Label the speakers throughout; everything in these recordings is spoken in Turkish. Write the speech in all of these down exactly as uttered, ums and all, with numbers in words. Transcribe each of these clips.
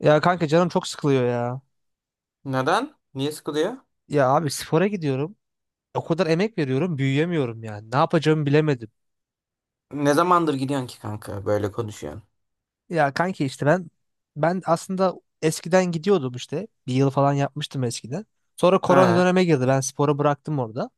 Speaker 1: Ya kanka canım çok sıkılıyor ya.
Speaker 2: Neden? Niye sıkılıyor?
Speaker 1: Ya abi spora gidiyorum. O kadar emek veriyorum, büyüyemiyorum yani. Ne yapacağımı bilemedim.
Speaker 2: Ne zamandır gidiyorsun ki kanka böyle konuşuyorsun?
Speaker 1: Ya kanki işte ben ben aslında eskiden gidiyordum işte. Bir yıl falan yapmıştım eskiden. Sonra korona
Speaker 2: Ha.
Speaker 1: döneme girdi. Ben sporu bıraktım orada.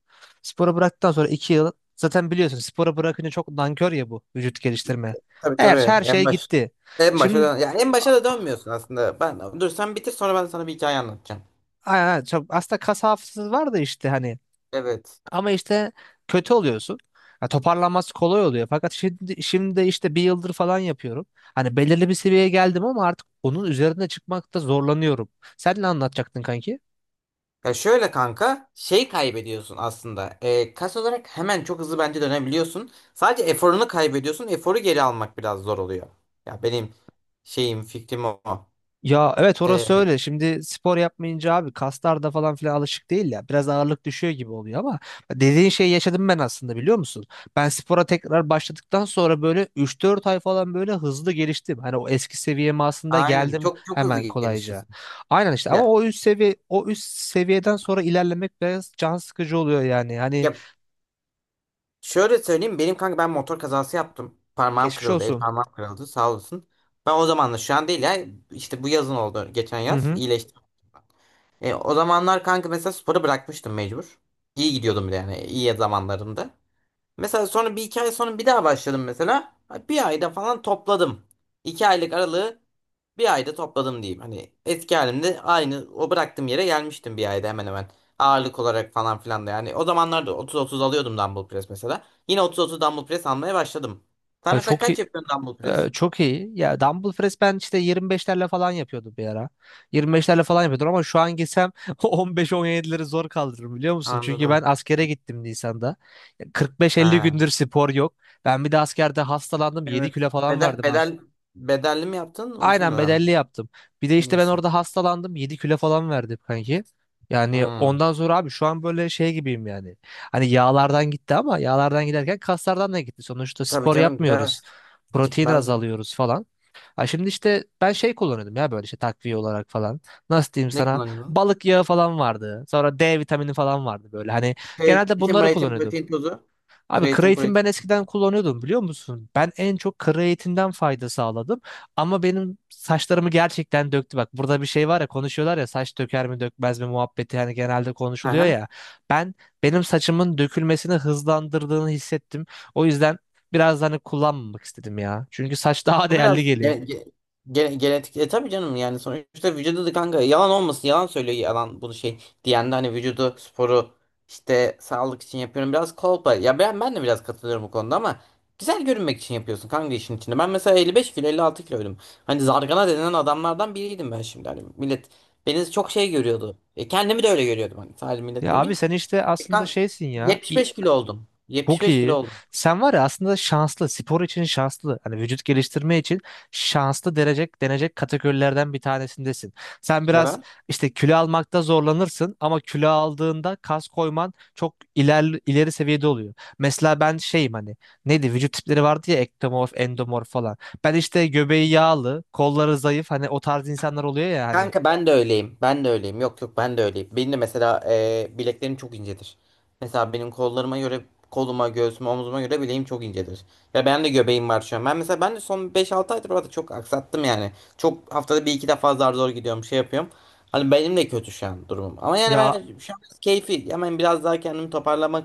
Speaker 1: Sporu bıraktıktan sonra iki yıl zaten biliyorsun sporu bırakınca çok nankör ya bu vücut geliştirme.
Speaker 2: Tabii, tabii.
Speaker 1: Her her şey
Speaker 2: en baş
Speaker 1: gitti.
Speaker 2: En başa
Speaker 1: Şimdi
Speaker 2: dön ya, en
Speaker 1: a-
Speaker 2: başa da dönmüyorsun aslında. Ben, dur sen bitir, sonra ben sana bir hikaye anlatacağım.
Speaker 1: a- çok- aslında kas hafızası var da işte hani.
Speaker 2: Evet.
Speaker 1: Ama işte kötü oluyorsun. Ya toparlanması kolay oluyor. Fakat şimdi, şimdi işte bir yıldır falan yapıyorum. Hani belirli bir seviyeye geldim ama artık onun üzerine çıkmakta zorlanıyorum. Sen ne anlatacaktın kanki?
Speaker 2: Ya şöyle kanka, şey kaybediyorsun aslında. E, kas olarak hemen çok hızlı bence dönebiliyorsun. Sadece eforunu kaybediyorsun. Eforu geri almak biraz zor oluyor. Ya benim şeyim, fikrim o.
Speaker 1: Ya evet orası
Speaker 2: E,
Speaker 1: öyle. Şimdi spor yapmayınca abi kaslar da falan filan alışık değil ya. Biraz ağırlık düşüyor gibi oluyor ama dediğin şeyi yaşadım ben aslında biliyor musun? Ben spora tekrar başladıktan sonra böyle üç dört ay falan böyle hızlı geliştim. Hani o eski seviyeme aslında
Speaker 2: aynen,
Speaker 1: geldim
Speaker 2: çok çok hızlı
Speaker 1: hemen kolayca.
Speaker 2: gelişiyorsun.
Speaker 1: Aynen işte ama
Speaker 2: Ya,
Speaker 1: o üst seviye o üst seviyeden sonra ilerlemek biraz can sıkıcı oluyor yani. Hani
Speaker 2: ya Şöyle söyleyeyim benim kanka, ben motor kazası yaptım. Parmağım
Speaker 1: geçmiş
Speaker 2: kırıldı, el
Speaker 1: olsun.
Speaker 2: parmağım kırıldı sağ olsun. Ben o zaman da, şu an değil ya, işte bu yazın oldu, geçen
Speaker 1: Hı
Speaker 2: yaz
Speaker 1: hı.
Speaker 2: iyileştim. E, o zamanlar kanka mesela sporu bırakmıştım mecbur. İyi gidiyordum bir de yani, iyi zamanlarımda. Mesela sonra bir iki ay sonra bir daha başladım mesela. Bir ayda falan topladım. İki aylık aralığı bir ayda topladım diyeyim. Hani eski halimde, aynı o bıraktığım yere gelmiştim bir ayda, hemen hemen. Ağırlık olarak falan filan da yani. O zamanlarda otuz otuz alıyordum dumbbell press mesela. Yine otuz otuz dumbbell press almaya başladım. Sen
Speaker 1: Ay,
Speaker 2: mesela
Speaker 1: Çok
Speaker 2: kaç yapıyorsun dumbbell
Speaker 1: Ee,
Speaker 2: press?
Speaker 1: çok iyi. Ya dumbbell press ben işte yirmi beşlerle falan yapıyordum bir ara. yirmi beşlerle falan yapıyordum ama şu an gitsem on beş on yedileri zor kaldırırım biliyor musun? Çünkü ben
Speaker 2: Anladım.
Speaker 1: askere gittim Nisan'da. Ya kırk beş elli
Speaker 2: Ha.
Speaker 1: gündür spor yok. Ben bir de askerde hastalandım yedi
Speaker 2: Evet.
Speaker 1: kilo falan
Speaker 2: Bedel,
Speaker 1: verdim az.
Speaker 2: bedel, bedelli mi yaptın, uzun
Speaker 1: Aynen
Speaker 2: dönem mi?
Speaker 1: bedelli yaptım. Bir de
Speaker 2: En
Speaker 1: işte ben
Speaker 2: iyisi.
Speaker 1: orada hastalandım yedi kilo falan verdim kanki. Yani
Speaker 2: Hmm.
Speaker 1: ondan sonra abi şu an böyle şey gibiyim yani. Hani yağlardan gitti ama yağlardan giderken kaslardan da gitti. Sonuçta
Speaker 2: Tabii
Speaker 1: spor
Speaker 2: canım, gider.
Speaker 1: yapmıyoruz. Protein
Speaker 2: Gitmez mi?
Speaker 1: azalıyoruz falan. Ha şimdi işte ben şey kullanıyordum ya böyle işte takviye olarak falan. Nasıl diyeyim
Speaker 2: Ne
Speaker 1: sana?
Speaker 2: kullanıyorsun?
Speaker 1: Balık yağı falan vardı. Sonra de vitamini falan vardı böyle. Hani genelde
Speaker 2: Kreatin,
Speaker 1: bunları
Speaker 2: mreatin,
Speaker 1: kullanıyordum.
Speaker 2: protein tozu.
Speaker 1: Abi
Speaker 2: Kreatin,
Speaker 1: kreatin
Speaker 2: protein
Speaker 1: ben eskiden kullanıyordum biliyor musun? Ben en çok kreatinden fayda sağladım. Ama benim saçlarımı gerçekten döktü. Bak burada bir şey var ya konuşuyorlar ya saç döker mi dökmez mi muhabbeti hani genelde konuşuluyor
Speaker 2: tozu.
Speaker 1: ya. Ben Benim saçımın dökülmesini hızlandırdığını hissettim. O yüzden biraz da hani kullanmamak istedim ya. Çünkü saç daha
Speaker 2: O
Speaker 1: değerli
Speaker 2: biraz
Speaker 1: geliyor.
Speaker 2: gene- ge- gene- genetik. E tabii canım, yani sonuçta vücudu da kanka, yalan olmasın, yalan söylüyor yalan bunu şey diyen de. Hani vücudu, sporu işte sağlık için yapıyorum, biraz kolpa. Ya ben, ben de biraz katılıyorum bu konuda ama güzel görünmek için yapıyorsun kanka, işin içinde. Ben mesela elli beş kilo, elli altı kiloydum. Hani zargana denilen adamlardan biriydim ben. Şimdi hani millet beni çok şey görüyordu. E, kendimi de öyle görüyordum, hani sadece millet
Speaker 1: Ya abi
Speaker 2: demeyeyim.
Speaker 1: sen işte
Speaker 2: E,
Speaker 1: aslında
Speaker 2: kanka
Speaker 1: şeysin ya. i-
Speaker 2: yetmiş beş kilo oldum.
Speaker 1: Çok
Speaker 2: yetmiş beş kilo
Speaker 1: iyi.
Speaker 2: oldum.
Speaker 1: Sen var ya aslında şanslı. Spor için şanslı. Hani vücut geliştirme için şanslı denecek, denecek kategorilerden bir tanesindesin. Sen biraz
Speaker 2: Neden?
Speaker 1: işte kilo almakta zorlanırsın ama kilo aldığında kas koyman çok iler, ileri seviyede oluyor. Mesela ben şeyim hani neydi vücut tipleri vardı ya ektomorf, endomorf falan. Ben işte göbeği yağlı, kolları zayıf hani o tarz insanlar oluyor ya hani.
Speaker 2: Kanka ben de öyleyim. Ben de öyleyim. Yok yok, ben de öyleyim. Benim de mesela e, bileklerim çok incedir. Mesela benim kollarıma göre, koluma, göğsüme, omzuma göre bileğim çok incedir. Ve ben de göbeğim var şu an. Ben mesela ben de son beş altı aydır orada çok aksattım yani. Çok, haftada bir iki defa zar zor gidiyorum, şey yapıyorum. Hani benim de kötü şu an durumum. Ama yani
Speaker 1: Ya
Speaker 2: ben şu an biraz keyfi, hemen biraz daha kendimi toparlamak,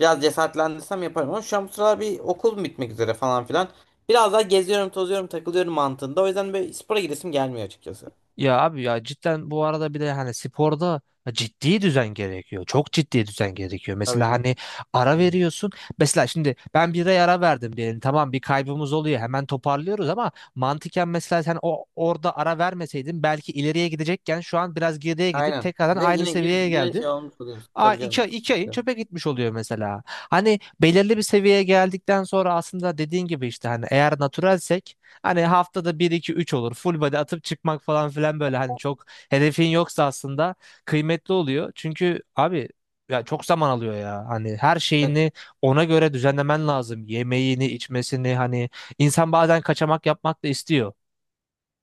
Speaker 2: biraz cesaretlendirsem yaparım. Ama şu an bu sıralar bir okul bitmek üzere falan filan. Biraz daha geziyorum, tozuyorum, takılıyorum mantığında. O yüzden böyle spora gidesim gelmiyor açıkçası.
Speaker 1: Ya abi ya cidden bu arada bir de hani sporda ciddi düzen gerekiyor. Çok ciddi düzen gerekiyor.
Speaker 2: Tabii
Speaker 1: Mesela
Speaker 2: canım.
Speaker 1: hani ara
Speaker 2: Hı.
Speaker 1: veriyorsun. Mesela şimdi ben bir ay ara verdim diyelim. Tamam bir kaybımız oluyor. Hemen toparlıyoruz ama mantıken mesela sen o orada ara vermeseydin belki ileriye gidecekken şu an biraz geriye gidip
Speaker 2: Aynen.
Speaker 1: tekrardan
Speaker 2: Ve
Speaker 1: aynı
Speaker 2: yine yine
Speaker 1: seviyeye
Speaker 2: yine
Speaker 1: geldin.
Speaker 2: şey olmuş oluyorsun.
Speaker 1: Aa,
Speaker 2: Tabii
Speaker 1: iki,
Speaker 2: canım.
Speaker 1: iki ayın çöpe gitmiş oluyor mesela. Hani belirli bir seviyeye geldikten sonra aslında dediğin gibi işte hani eğer naturalsek hani haftada bir iki üç olur. Full body atıp çıkmak falan filan böyle hani çok hedefin yoksa aslında kıymetli oluyor. Çünkü abi ya çok zaman alıyor ya. Hani her
Speaker 2: Bak,
Speaker 1: şeyini ona göre düzenlemen lazım. Yemeğini, içmesini hani insan bazen kaçamak yapmak da istiyor.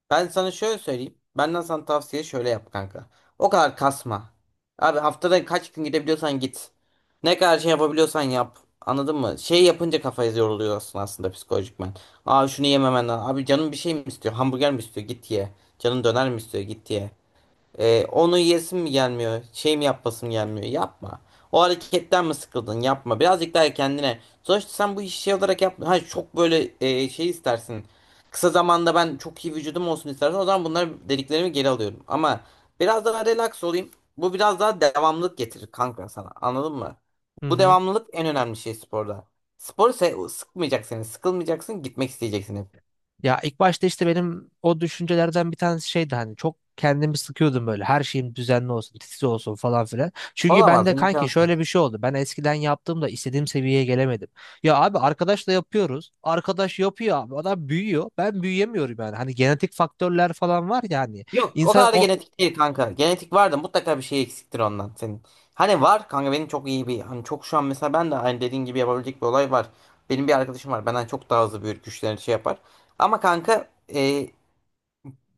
Speaker 2: ben sana şöyle söyleyeyim. Benden sana tavsiye, şöyle yap kanka. O kadar kasma. Abi haftada kaç gün gidebiliyorsan git. Ne kadar şey yapabiliyorsan yap. Anladın mı? Şey yapınca kafayı yoruluyorsun aslında, psikolojikmen. Aa, şunu yememen lazım. Abi canım bir şey mi istiyor? Hamburger mi istiyor? Git ye. Canın döner mi istiyor? Git ye. Ee, onu yesim mi gelmiyor? Şey mi yapasım gelmiyor? Yapma. O hareketten mi sıkıldın? Yapma. Birazcık daha kendine. Sonuçta sen bu işi şey olarak yapma. Ha, çok böyle e, şey istersin. Kısa zamanda ben çok iyi vücudum olsun istersen, o zaman bunları dediklerimi geri alıyorum. Ama biraz daha relax olayım. Bu biraz daha devamlılık getirir kanka sana. Anladın mı?
Speaker 1: Hı
Speaker 2: Bu
Speaker 1: hı.
Speaker 2: devamlılık en önemli şey sporda. Sporu se- sıkmayacak seni. Sıkılmayacaksın. Gitmek isteyeceksin hep.
Speaker 1: Ya ilk başta işte benim o düşüncelerden bir tanesi şeydi hani çok kendimi sıkıyordum böyle her şeyim düzenli olsun titiz olsun falan filan. Çünkü ben
Speaker 2: Olamaz,
Speaker 1: de kanki şöyle
Speaker 2: imkansız.
Speaker 1: bir şey oldu ben eskiden yaptığımda istediğim seviyeye gelemedim. Ya abi arkadaşla yapıyoruz arkadaş yapıyor abi adam büyüyor ben büyüyemiyorum yani hani genetik faktörler falan var ya hani
Speaker 2: Yok, o
Speaker 1: insan
Speaker 2: kadar da
Speaker 1: o-
Speaker 2: genetik değil kanka. Genetik var da mutlaka bir şey eksiktir ondan senin. Hani var kanka, benim çok iyi bir, hani çok, şu an mesela ben de hani dediğin gibi yapabilecek bir olay var. Benim bir arkadaşım var, benden çok daha hızlı büyür, güçlerini şey yapar. Ama kanka e,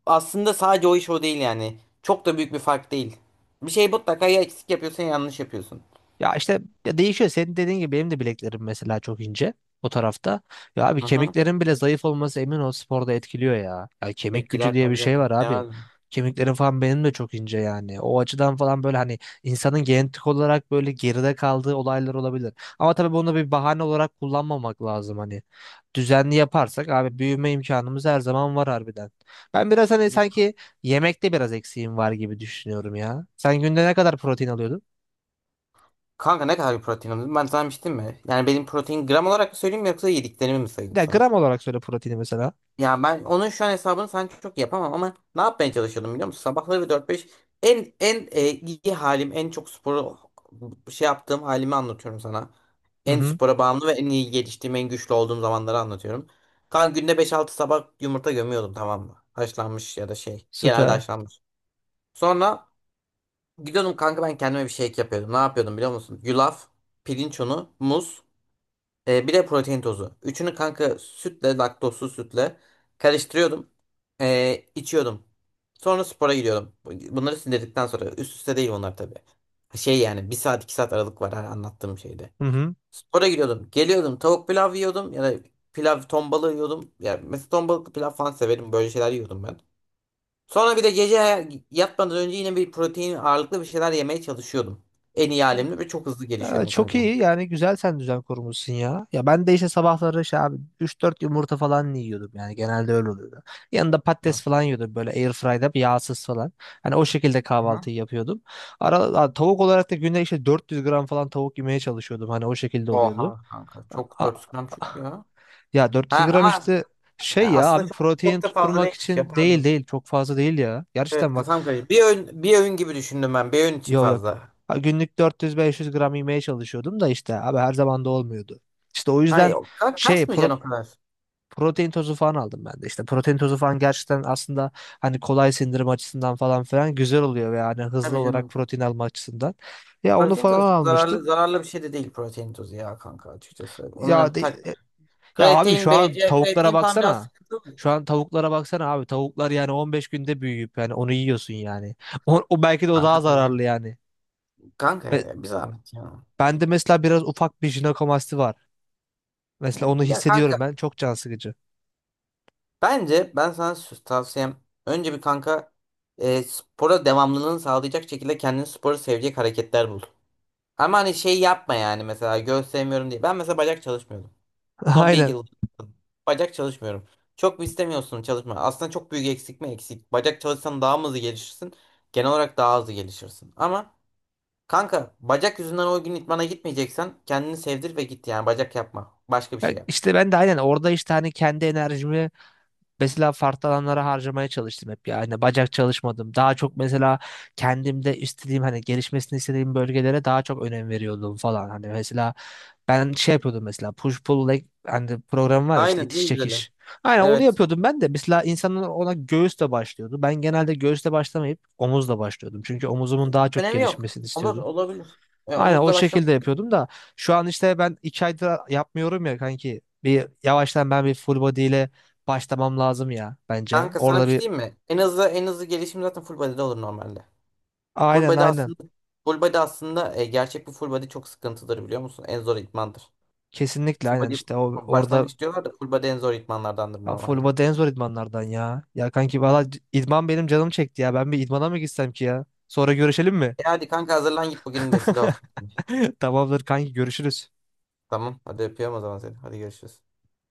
Speaker 2: aslında sadece o iş o değil yani. Çok da büyük bir fark değil. Bir şey mutlaka ya eksik yapıyorsun ya yanlış yapıyorsun.
Speaker 1: Ya işte ya değişiyor. Senin dediğin gibi benim de bileklerim mesela çok ince o tarafta. Ya abi
Speaker 2: Hı hı.
Speaker 1: kemiklerin bile zayıf olması emin ol sporda etkiliyor ya. Ya kemik gücü
Speaker 2: Etkiler
Speaker 1: diye bir
Speaker 2: tabii canım,
Speaker 1: şey var abi.
Speaker 2: etkilemez mi?
Speaker 1: Kemiklerim falan benim de çok ince yani. O açıdan falan böyle hani insanın genetik olarak böyle geride kaldığı olaylar olabilir. Ama tabii bunu bir bahane olarak kullanmamak lazım hani. Düzenli yaparsak abi büyüme imkanımız her zaman var harbiden. Ben biraz hani sanki yemekte biraz eksiğim var gibi düşünüyorum ya. Sen günde ne kadar protein alıyordun?
Speaker 2: Kanka ne kadar bir protein alıyorsun? Ben sana demiştim mi? Yani benim protein, gram olarak mı söyleyeyim yoksa yediklerimi mi sayayım
Speaker 1: Ya
Speaker 2: sana?
Speaker 1: gram olarak söyle proteini mesela.
Speaker 2: Ya ben onun şu an hesabını sen çok yapamam, ama ne yapmaya çalışıyordum biliyor musun? Sabahları dört beş, en en e, iyi halim, en çok sporu şey yaptığım halimi anlatıyorum sana.
Speaker 1: Hı
Speaker 2: En
Speaker 1: hı.
Speaker 2: spora bağımlı ve en iyi geliştiğim, en güçlü olduğum zamanları anlatıyorum. Kan günde beş altı sabah yumurta gömüyordum, tamam mı? Haşlanmış ya da şey. Genelde
Speaker 1: Süper.
Speaker 2: haşlanmış. Sonra gidiyordum kanka, ben kendime bir şey yapıyordum. Ne yapıyordum biliyor musun? Yulaf, pirinç unu, muz. E, bir de protein tozu. Üçünü kanka sütle, laktozsuz sütle karıştırıyordum. E, içiyordum. Sonra spora gidiyordum. Bunları sindirdikten sonra, üst üste değil bunlar tabii. Şey yani bir saat iki saat aralık var her anlattığım şeyde.
Speaker 1: Hı hı.
Speaker 2: Spora gidiyordum. Geliyordum tavuk pilav yiyordum ya da pilav ton balığı yiyordum. Ya mesela ton balıklı pilav falan severim. Böyle şeyler yiyordum ben. Sonra bir de gece yatmadan önce yine bir protein ağırlıklı bir şeyler yemeye çalışıyordum. En iyi halimle, ve çok hızlı
Speaker 1: Ee,
Speaker 2: gelişiyordum
Speaker 1: çok
Speaker 2: kanka. Bu.
Speaker 1: iyi yani güzel sen düzen kurmuşsun ya. Ya ben de işte sabahları şey abi üç dört yumurta falan yiyordum yani genelde öyle oluyordu. Yanında
Speaker 2: Hı.
Speaker 1: patates falan yiyordum böyle airfry'da bir yağsız falan. Hani o şekilde
Speaker 2: Hı.
Speaker 1: kahvaltıyı yapıyordum. Ara, a- tavuk olarak da günde işte dört yüz gram falan tavuk yemeye çalışıyordum hani o şekilde oluyordu.
Speaker 2: Oha kanka. Çok,
Speaker 1: A-
Speaker 2: dört yüz gram çok ya.
Speaker 1: ya dört yüz
Speaker 2: Ha
Speaker 1: gram
Speaker 2: ama
Speaker 1: işte şey ya
Speaker 2: aslında
Speaker 1: abi
Speaker 2: çok,
Speaker 1: protein
Speaker 2: çok da fazla
Speaker 1: tutturmak
Speaker 2: değilmiş ya,
Speaker 1: için değil
Speaker 2: pardon.
Speaker 1: değil çok fazla değil ya.
Speaker 2: Evet,
Speaker 1: Gerçekten bak.
Speaker 2: kafam karıştı. Bir öğün, bir öğün gibi düşündüm ben. Bir öğün için
Speaker 1: Yok yok.
Speaker 2: fazla.
Speaker 1: Ha, günlük dört yüz beş yüz gram yemeye çalışıyordum da işte abi her zaman da olmuyordu. İşte o yüzden
Speaker 2: Hayır, ka
Speaker 1: şey pro-
Speaker 2: kasmayacaksın o kadar.
Speaker 1: protein tozu falan aldım ben de. İşte protein tozu falan gerçekten aslında hani kolay sindirim açısından falan filan güzel oluyor ve yani hızlı
Speaker 2: Tabii
Speaker 1: olarak
Speaker 2: canım.
Speaker 1: protein alma açısından. Ya onu
Speaker 2: Protein
Speaker 1: falan
Speaker 2: tozu çok zararlı,
Speaker 1: almıştım.
Speaker 2: zararlı bir şey de değil protein tozu ya kanka, açıkçası.
Speaker 1: Ya
Speaker 2: Onların tak
Speaker 1: de- Ya abi şu
Speaker 2: kreatin,
Speaker 1: an
Speaker 2: B C A,
Speaker 1: tavuklara
Speaker 2: kreatin falan biraz
Speaker 1: baksana.
Speaker 2: sıkıntı mı?
Speaker 1: Şu an tavuklara baksana abi. Tavuklar yani on beş günde büyüyüp yani onu yiyorsun yani. O, o belki de o daha
Speaker 2: Kanka tabii.
Speaker 1: zararlı yani.
Speaker 2: Kanka
Speaker 1: Ve
Speaker 2: ya, bir zahmet ya.
Speaker 1: bende mesela biraz ufak bir jinekomasti var. Mesela
Speaker 2: Ya,
Speaker 1: onu
Speaker 2: ya kanka
Speaker 1: hissediyorum ben. Çok can sıkıcı.
Speaker 2: Bence ben sana sü- tavsiyem, önce bir kanka e, spora devamlılığını sağlayacak şekilde kendini, sporu sevecek hareketler bul. Ama hani şey yapma, yani mesela göğüs sevmiyorum diye. Ben mesela bacak çalışmıyordum. Son bir
Speaker 1: Aynen.
Speaker 2: yıl bacak çalışmıyorum. Çok mu istemiyorsun çalışma? Aslında çok büyük eksik mi eksik? Bacak çalışsan daha mı hızlı gelişirsin? Genel olarak daha hızlı gelişirsin. Ama kanka bacak yüzünden o gün idmana gitmeyeceksen, kendini sevdir ve git, yani bacak yapma. Başka bir
Speaker 1: Ya
Speaker 2: şey yap.
Speaker 1: İşte ben de aynen orada işte hani kendi enerjimi mesela farklı alanlara harcamaya çalıştım hep ya. Hani bacak çalışmadım. Daha çok mesela kendimde istediğim hani gelişmesini istediğim bölgelere daha çok önem veriyordum falan. Hani mesela ben şey yapıyordum mesela push pull leg hani program var ya işte
Speaker 2: Aynen,
Speaker 1: itiş
Speaker 2: en güzeli.
Speaker 1: çekiş. Aynen onu
Speaker 2: Evet.
Speaker 1: yapıyordum ben de. Mesela insanlar ona göğüsle başlıyordu. Ben genelde göğüsle başlamayıp omuzla başlıyordum. Çünkü omuzumun daha çok
Speaker 2: Önemi yok.
Speaker 1: gelişmesini
Speaker 2: Olur,
Speaker 1: istiyordum.
Speaker 2: olabilir. E,
Speaker 1: Aynen o
Speaker 2: omuzla
Speaker 1: şekilde
Speaker 2: başlamak.
Speaker 1: yapıyordum da şu an işte ben iki aydır yapmıyorum ya kanki. Bir yavaştan ben bir full body ile başlamam lazım ya bence.
Speaker 2: Kanka sana
Speaker 1: Orada
Speaker 2: bir şey
Speaker 1: bir
Speaker 2: diyeyim mi? En hızlı en hızlı gelişim zaten full body'de olur normalde. Full
Speaker 1: aynen
Speaker 2: body
Speaker 1: aynen.
Speaker 2: aslında Full body aslında e, gerçek bir full body çok sıkıntıdır biliyor musun? En zor idmandır.
Speaker 1: Kesinlikle
Speaker 2: Full
Speaker 1: aynen
Speaker 2: body
Speaker 1: işte o orada
Speaker 2: başlangıç diyorlar da, full body en zor idmanlardandır
Speaker 1: ya full
Speaker 2: normalde.
Speaker 1: body en zor idmanlardan ya. Ya kanki valla c- idman benim canım çekti ya. Ben bir idmana mı gitsem ki ya? Sonra görüşelim mi?
Speaker 2: E hadi kanka hazırlan, git bugün vesile olsun.
Speaker 1: Tamamdır kanki görüşürüz.
Speaker 2: Tamam hadi, öpüyorum o zaman seni. Hadi görüşürüz.